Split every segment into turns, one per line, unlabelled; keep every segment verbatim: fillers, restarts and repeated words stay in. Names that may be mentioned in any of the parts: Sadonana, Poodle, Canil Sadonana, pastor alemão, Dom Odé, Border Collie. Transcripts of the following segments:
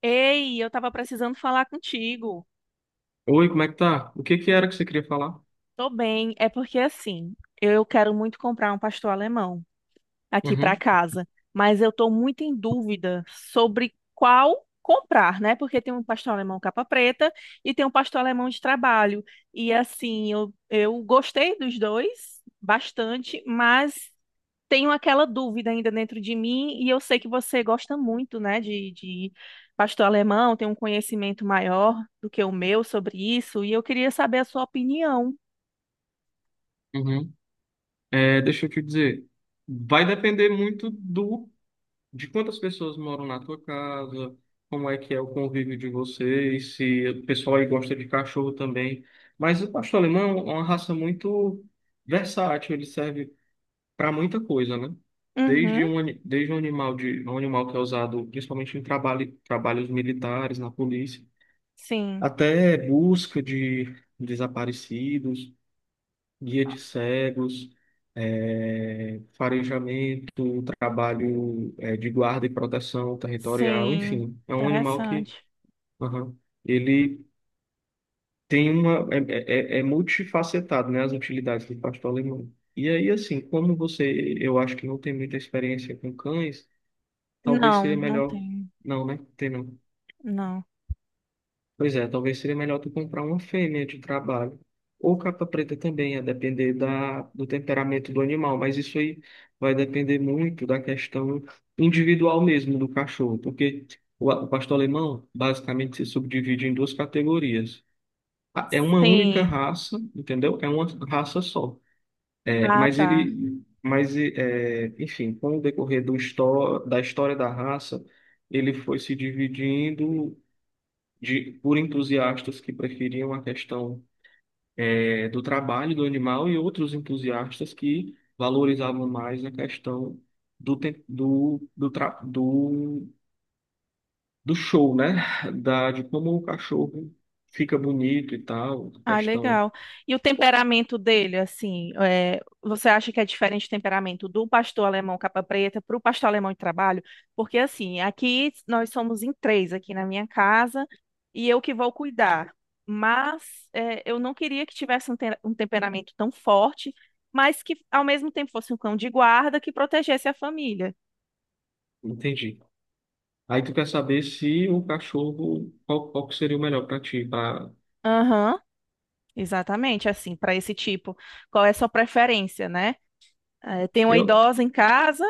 Ei, eu tava precisando falar contigo.
Oi, como é que tá? O que que era que você queria falar?
Tô bem, é porque assim, eu quero muito comprar um pastor alemão aqui para
Uhum,
casa, mas eu estou muito em dúvida sobre qual comprar, né? Porque tem um pastor alemão capa preta e tem um pastor alemão de trabalho. E assim, eu, eu gostei dos dois bastante, mas tenho aquela dúvida ainda dentro de mim e eu sei que você gosta muito, né, de, de pastor alemão, tem um conhecimento maior do que o meu sobre isso e eu queria saber a sua opinião.
uhum. É, deixa eu te dizer, vai depender muito do de quantas pessoas moram na tua casa, como é que é o convívio de vocês, se o pessoal aí gosta de cachorro também. Mas o pastor alemão é uma raça muito versátil, ele serve para muita coisa, né?
Uhum,
Desde um, ani- desde um animal de um animal que é usado principalmente em trabalho, trabalhos militares, na polícia,
sim,
até busca de desaparecidos, guia de cegos, eh, farejamento, trabalho, eh, de guarda e proteção territorial,
sim,
enfim, é um animal que,
interessante.
aham, ele tem uma é, é, é é multifacetado, né, as utilidades do pastor alemão. E aí, assim, como você, eu acho que não tem muita experiência com cães, talvez
Não,
seria
não
melhor,
tem.
não, né? Tem não.
Não.
Pois é, talvez seria melhor tu comprar uma fêmea de trabalho. Ou capa preta também, a depender da, do temperamento do animal. Mas isso aí vai depender muito da questão individual mesmo do cachorro. Porque o, a- o pastor alemão basicamente se subdivide em duas categorias. A- É uma única
Sim.
raça, entendeu? É uma raça só. É,
Ah,
mas
tá.
ele, mas é, enfim, com o decorrer do histó da história da raça, ele foi se dividindo de, por entusiastas que preferiam a questão, eh, do trabalho do animal, e outros entusiastas que valorizavam mais a questão do, tem- do, do, tra- do, do show, né? Da, de como o cachorro fica bonito e tal,
Ah,
questão,
legal. E o temperamento dele, assim, é, você acha que é diferente o temperamento do pastor alemão capa preta para o pastor alemão de trabalho? Porque, assim, aqui nós somos em três aqui na minha casa e eu que vou cuidar. Mas é, eu não queria que tivesse um, te- um temperamento tão forte, mas que ao mesmo tempo fosse um cão de guarda que protegesse a família.
entendi. Aí tu quer saber se o cachorro, qual, qual que seria o melhor para ti, para
Aham. Exatamente, assim, para esse tipo. Qual é a sua preferência, né? Eh, tem uma
eu
idosa em casa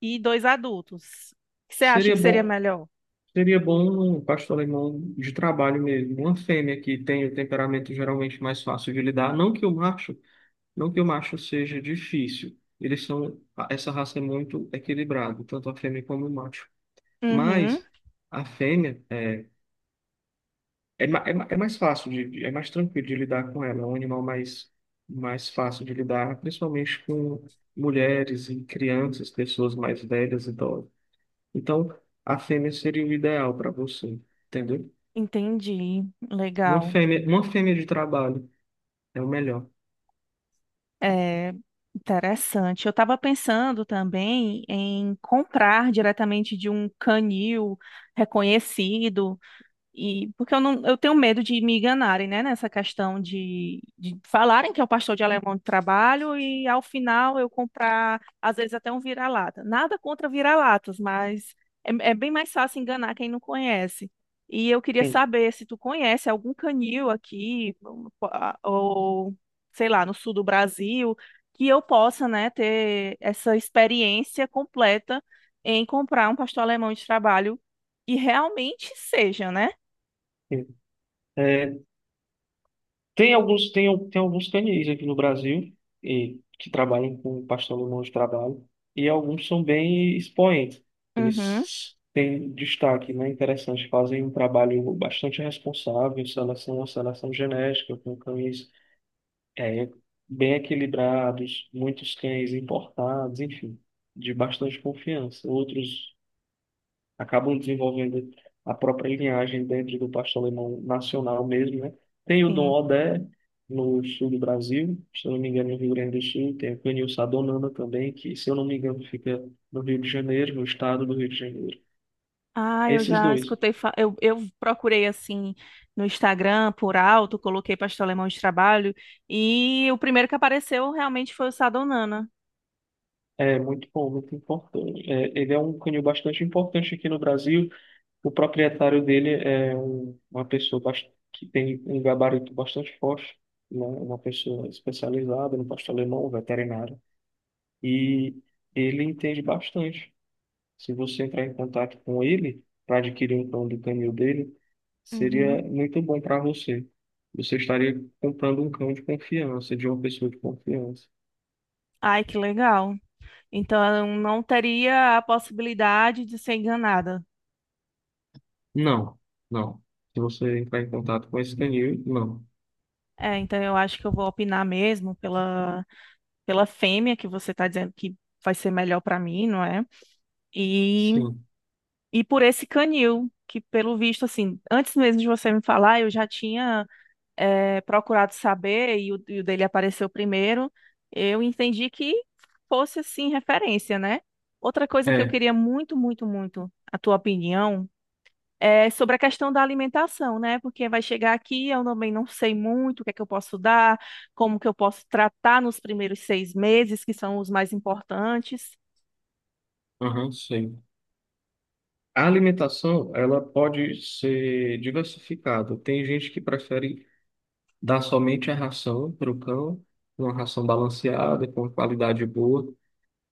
e dois adultos. O que você acha
seria
que seria
bom
melhor?
seria bom um pastor alemão de trabalho mesmo, uma fêmea que tem o temperamento geralmente mais fácil de lidar, não que o macho, não que o macho seja difícil. Eles são, essa raça é muito equilibrada, tanto a fêmea como o macho.
Uhum,
Mas a fêmea é, é, ma- é, ma- é mais fácil de, de- é mais tranquilo de lidar com ela, é um animal mais mais fácil de lidar, principalmente com mulheres e crianças, pessoas mais velhas, idosas. Então, a fêmea seria o ideal para você, entendeu?
entendi.
Uma
Legal.
fêmea, uma fêmea de trabalho é o melhor.
É interessante. Eu estava pensando também em comprar diretamente de um canil reconhecido. E porque eu não, eu tenho medo de me enganarem, né, nessa questão de, de falarem que é o pastor de alemão de trabalho e ao final eu comprar, às vezes até um vira-lata. Nada contra vira-latas, mas é, é bem mais fácil enganar quem não conhece. E eu queria
Sim,
saber se tu conhece algum canil aqui, ou sei lá, no sul do Brasil, que eu possa, né, ter essa experiência completa em comprar um pastor alemão de trabalho. E realmente seja, né?
sim. É, tem alguns, tem, al- tem alguns canis aqui no Brasil, e, que trabalham com pastor alemão de trabalho, e alguns são bem expoentes.
Uhum,
Eles têm destaque, né? Interessante, fazem um trabalho bastante responsável, seleção, uma seleção genética com cães, é, bem equilibrados, muitos cães importados, enfim, de bastante confiança. Outros acabam desenvolvendo a própria linhagem dentro do pastor alemão nacional mesmo, né? Tem o Dom
sim.
Odé no sul do Brasil, se eu não me engano, no Rio Grande do Sul, tem o Canil Sadonana também, que, se eu não me engano, fica no Rio de Janeiro, no estado do Rio de Janeiro.
Ah, eu
Esses
já
dois.
escutei. fa- Eu, eu procurei assim no Instagram por alto, coloquei pastel alemão de trabalho e o primeiro que apareceu realmente foi o Sadonana.
É muito bom, muito importante. É, ele é um canil bastante importante aqui no Brasil. O proprietário dele é um- uma pessoa bast- que tem um gabarito bastante forte, né? Uma pessoa especializada no pastor alemão, um veterinário, e ele entende bastante. Se você entrar em contato com ele para adquirir um cão do canil dele,
Uhum.
seria muito bom para você. Você estaria comprando um cão de confiança, de uma pessoa de confiança.
Ai, que legal. Então eu não teria a possibilidade de ser enganada.
Não, não. Se você entrar em contato com esse canil, não.
É, então eu acho que eu vou opinar mesmo pela, pela fêmea que você está dizendo que vai ser melhor para mim, não é? E,
Sim.
e por esse canil, que pelo visto, assim, antes mesmo de você me falar, eu já tinha. É, procurado saber e o, e o dele apareceu primeiro, eu entendi que fosse assim referência, né? Outra coisa que eu
É,
queria muito, muito, muito a tua opinião é sobre a questão da alimentação, né? Porque vai chegar aqui, eu também não sei muito o que é que eu posso dar, como que eu posso tratar nos primeiros seis meses, que são os mais importantes.
aham, sei. A alimentação, ela pode ser diversificada. Tem gente que prefere dar somente a ração para o cão, uma ração balanceada, com qualidade boa.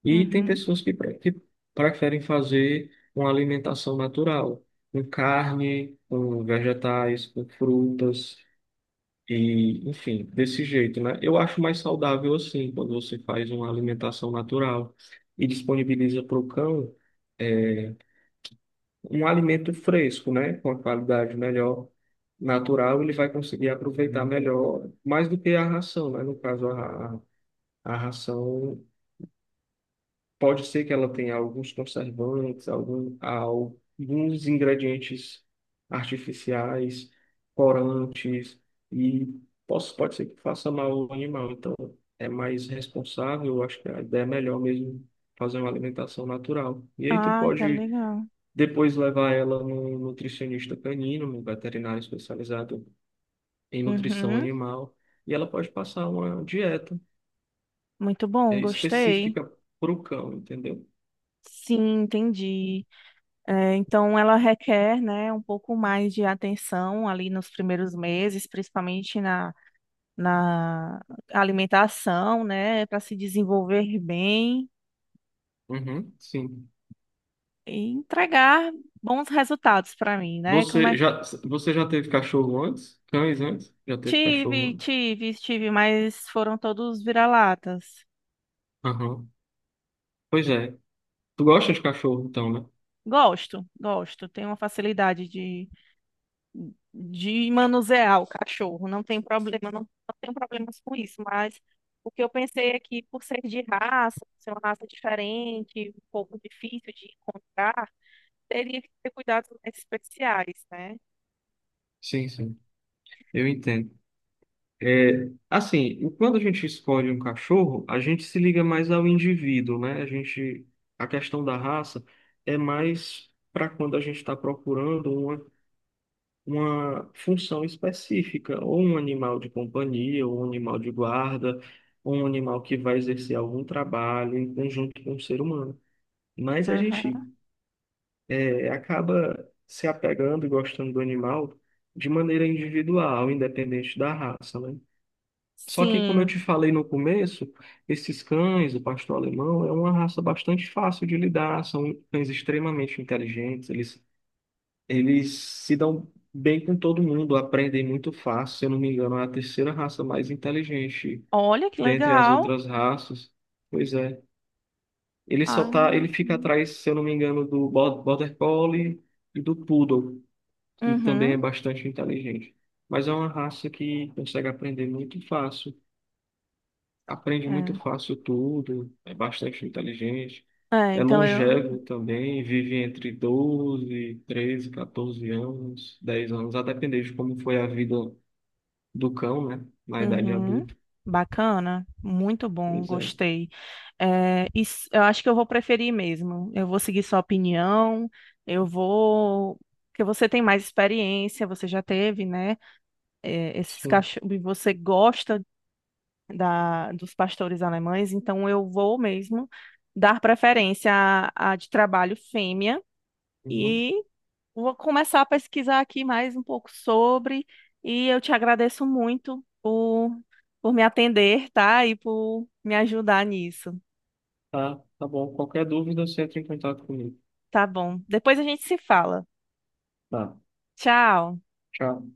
E tem
Uhum.
pessoas que, pre- que preferem fazer uma alimentação natural, com carne, com vegetais, com frutas, e enfim, desse jeito, né? Eu acho mais saudável assim, quando você faz uma alimentação natural e disponibiliza para o cão um alimento fresco, né? Com a qualidade melhor, natural, ele vai conseguir aproveitar melhor, mais do que a ração, né? No caso, a, a a ração. Pode ser que ela tenha alguns conservantes, algum, alguns ingredientes artificiais, corantes, e posso, pode ser que faça mal ao animal. Então, é mais responsável, eu acho que a ideia é melhor mesmo fazer uma alimentação natural. E aí tu
Ai, tá
pode
legal.
depois levar ela num nutricionista canino, num veterinário especializado em nutrição
Uhum.
animal, e ela pode passar uma dieta,
Muito bom,
eh,
gostei.
específica para o cão, entendeu?
Sim, entendi. É, então, ela requer, né, um pouco mais de atenção ali nos primeiros meses, principalmente na, na alimentação, né, para se desenvolver bem
Uhum, sim.
e entregar bons resultados para mim, né? Como
Você
é?
já, você já teve cachorro antes? Cães antes? Já teve cachorro
Tive,
antes?
tive, tive, mas foram todos vira-latas.
Aham. Pois é. Tu gosta de cachorro, então, né?
Gosto, gosto, tenho uma facilidade de manusear o cachorro, não tem problema, não, não tenho problemas com isso, mas o que eu pensei é que por ser de raça, ser uma raça diferente, um pouco difícil de encontrar, teria que ter cuidados mais especiais, né?
Sim, sim. Eu entendo. É, assim, quando a gente escolhe um cachorro, a gente se liga mais ao indivíduo, né? A gente, a questão da raça é mais para quando a gente está procurando uma, uma função específica, ou um animal de companhia, ou um animal de guarda, ou um animal que vai exercer algum trabalho em conjunto com o ser humano. Mas a gente,
Aham.
é, acaba se apegando e gostando do animal de maneira individual, independente da raça, né? Só que, como eu
Sim,
te falei no começo, esses cães, o pastor alemão, é uma raça bastante fácil de lidar, são cães extremamente inteligentes, eles, eles se dão bem com todo mundo, aprendem muito fácil, se eu não me engano, é a terceira raça mais inteligente
olha que
dentre as
legal.
outras raças. Pois é. Ele só
Ah,
tá, ele fica atrás, se eu não me engano, do Bo- Border Collie e do Poodle, que também é
uhum.
bastante inteligente. Mas é uma raça que consegue aprender muito fácil. Aprende muito
É.
fácil tudo, é bastante inteligente.
É,
É
então eu,
longevo também, vive entre doze, treze, quatorze anos, dez anos, a depender de como foi a vida do cão, né? Na idade
uhum.
adulta.
Bacana, muito bom,
Pois é.
gostei. É, isso- eu acho que eu vou preferir mesmo. Eu vou seguir sua opinião, eu vou. Porque você tem mais experiência, você já teve, né? É, esses
Sim.
cachorros, e você gosta da, dos pastores alemães, então eu vou mesmo dar preferência à, à de trabalho fêmea.
Uhum.
Vou começar a pesquisar aqui mais um pouco sobre e eu te agradeço muito por, por me atender, tá? E por me ajudar nisso.
Tá, tá bom. Qualquer dúvida, você entra em contato comigo.
Tá bom. Depois a gente se fala.
Tá.
Tchau.
Tchau.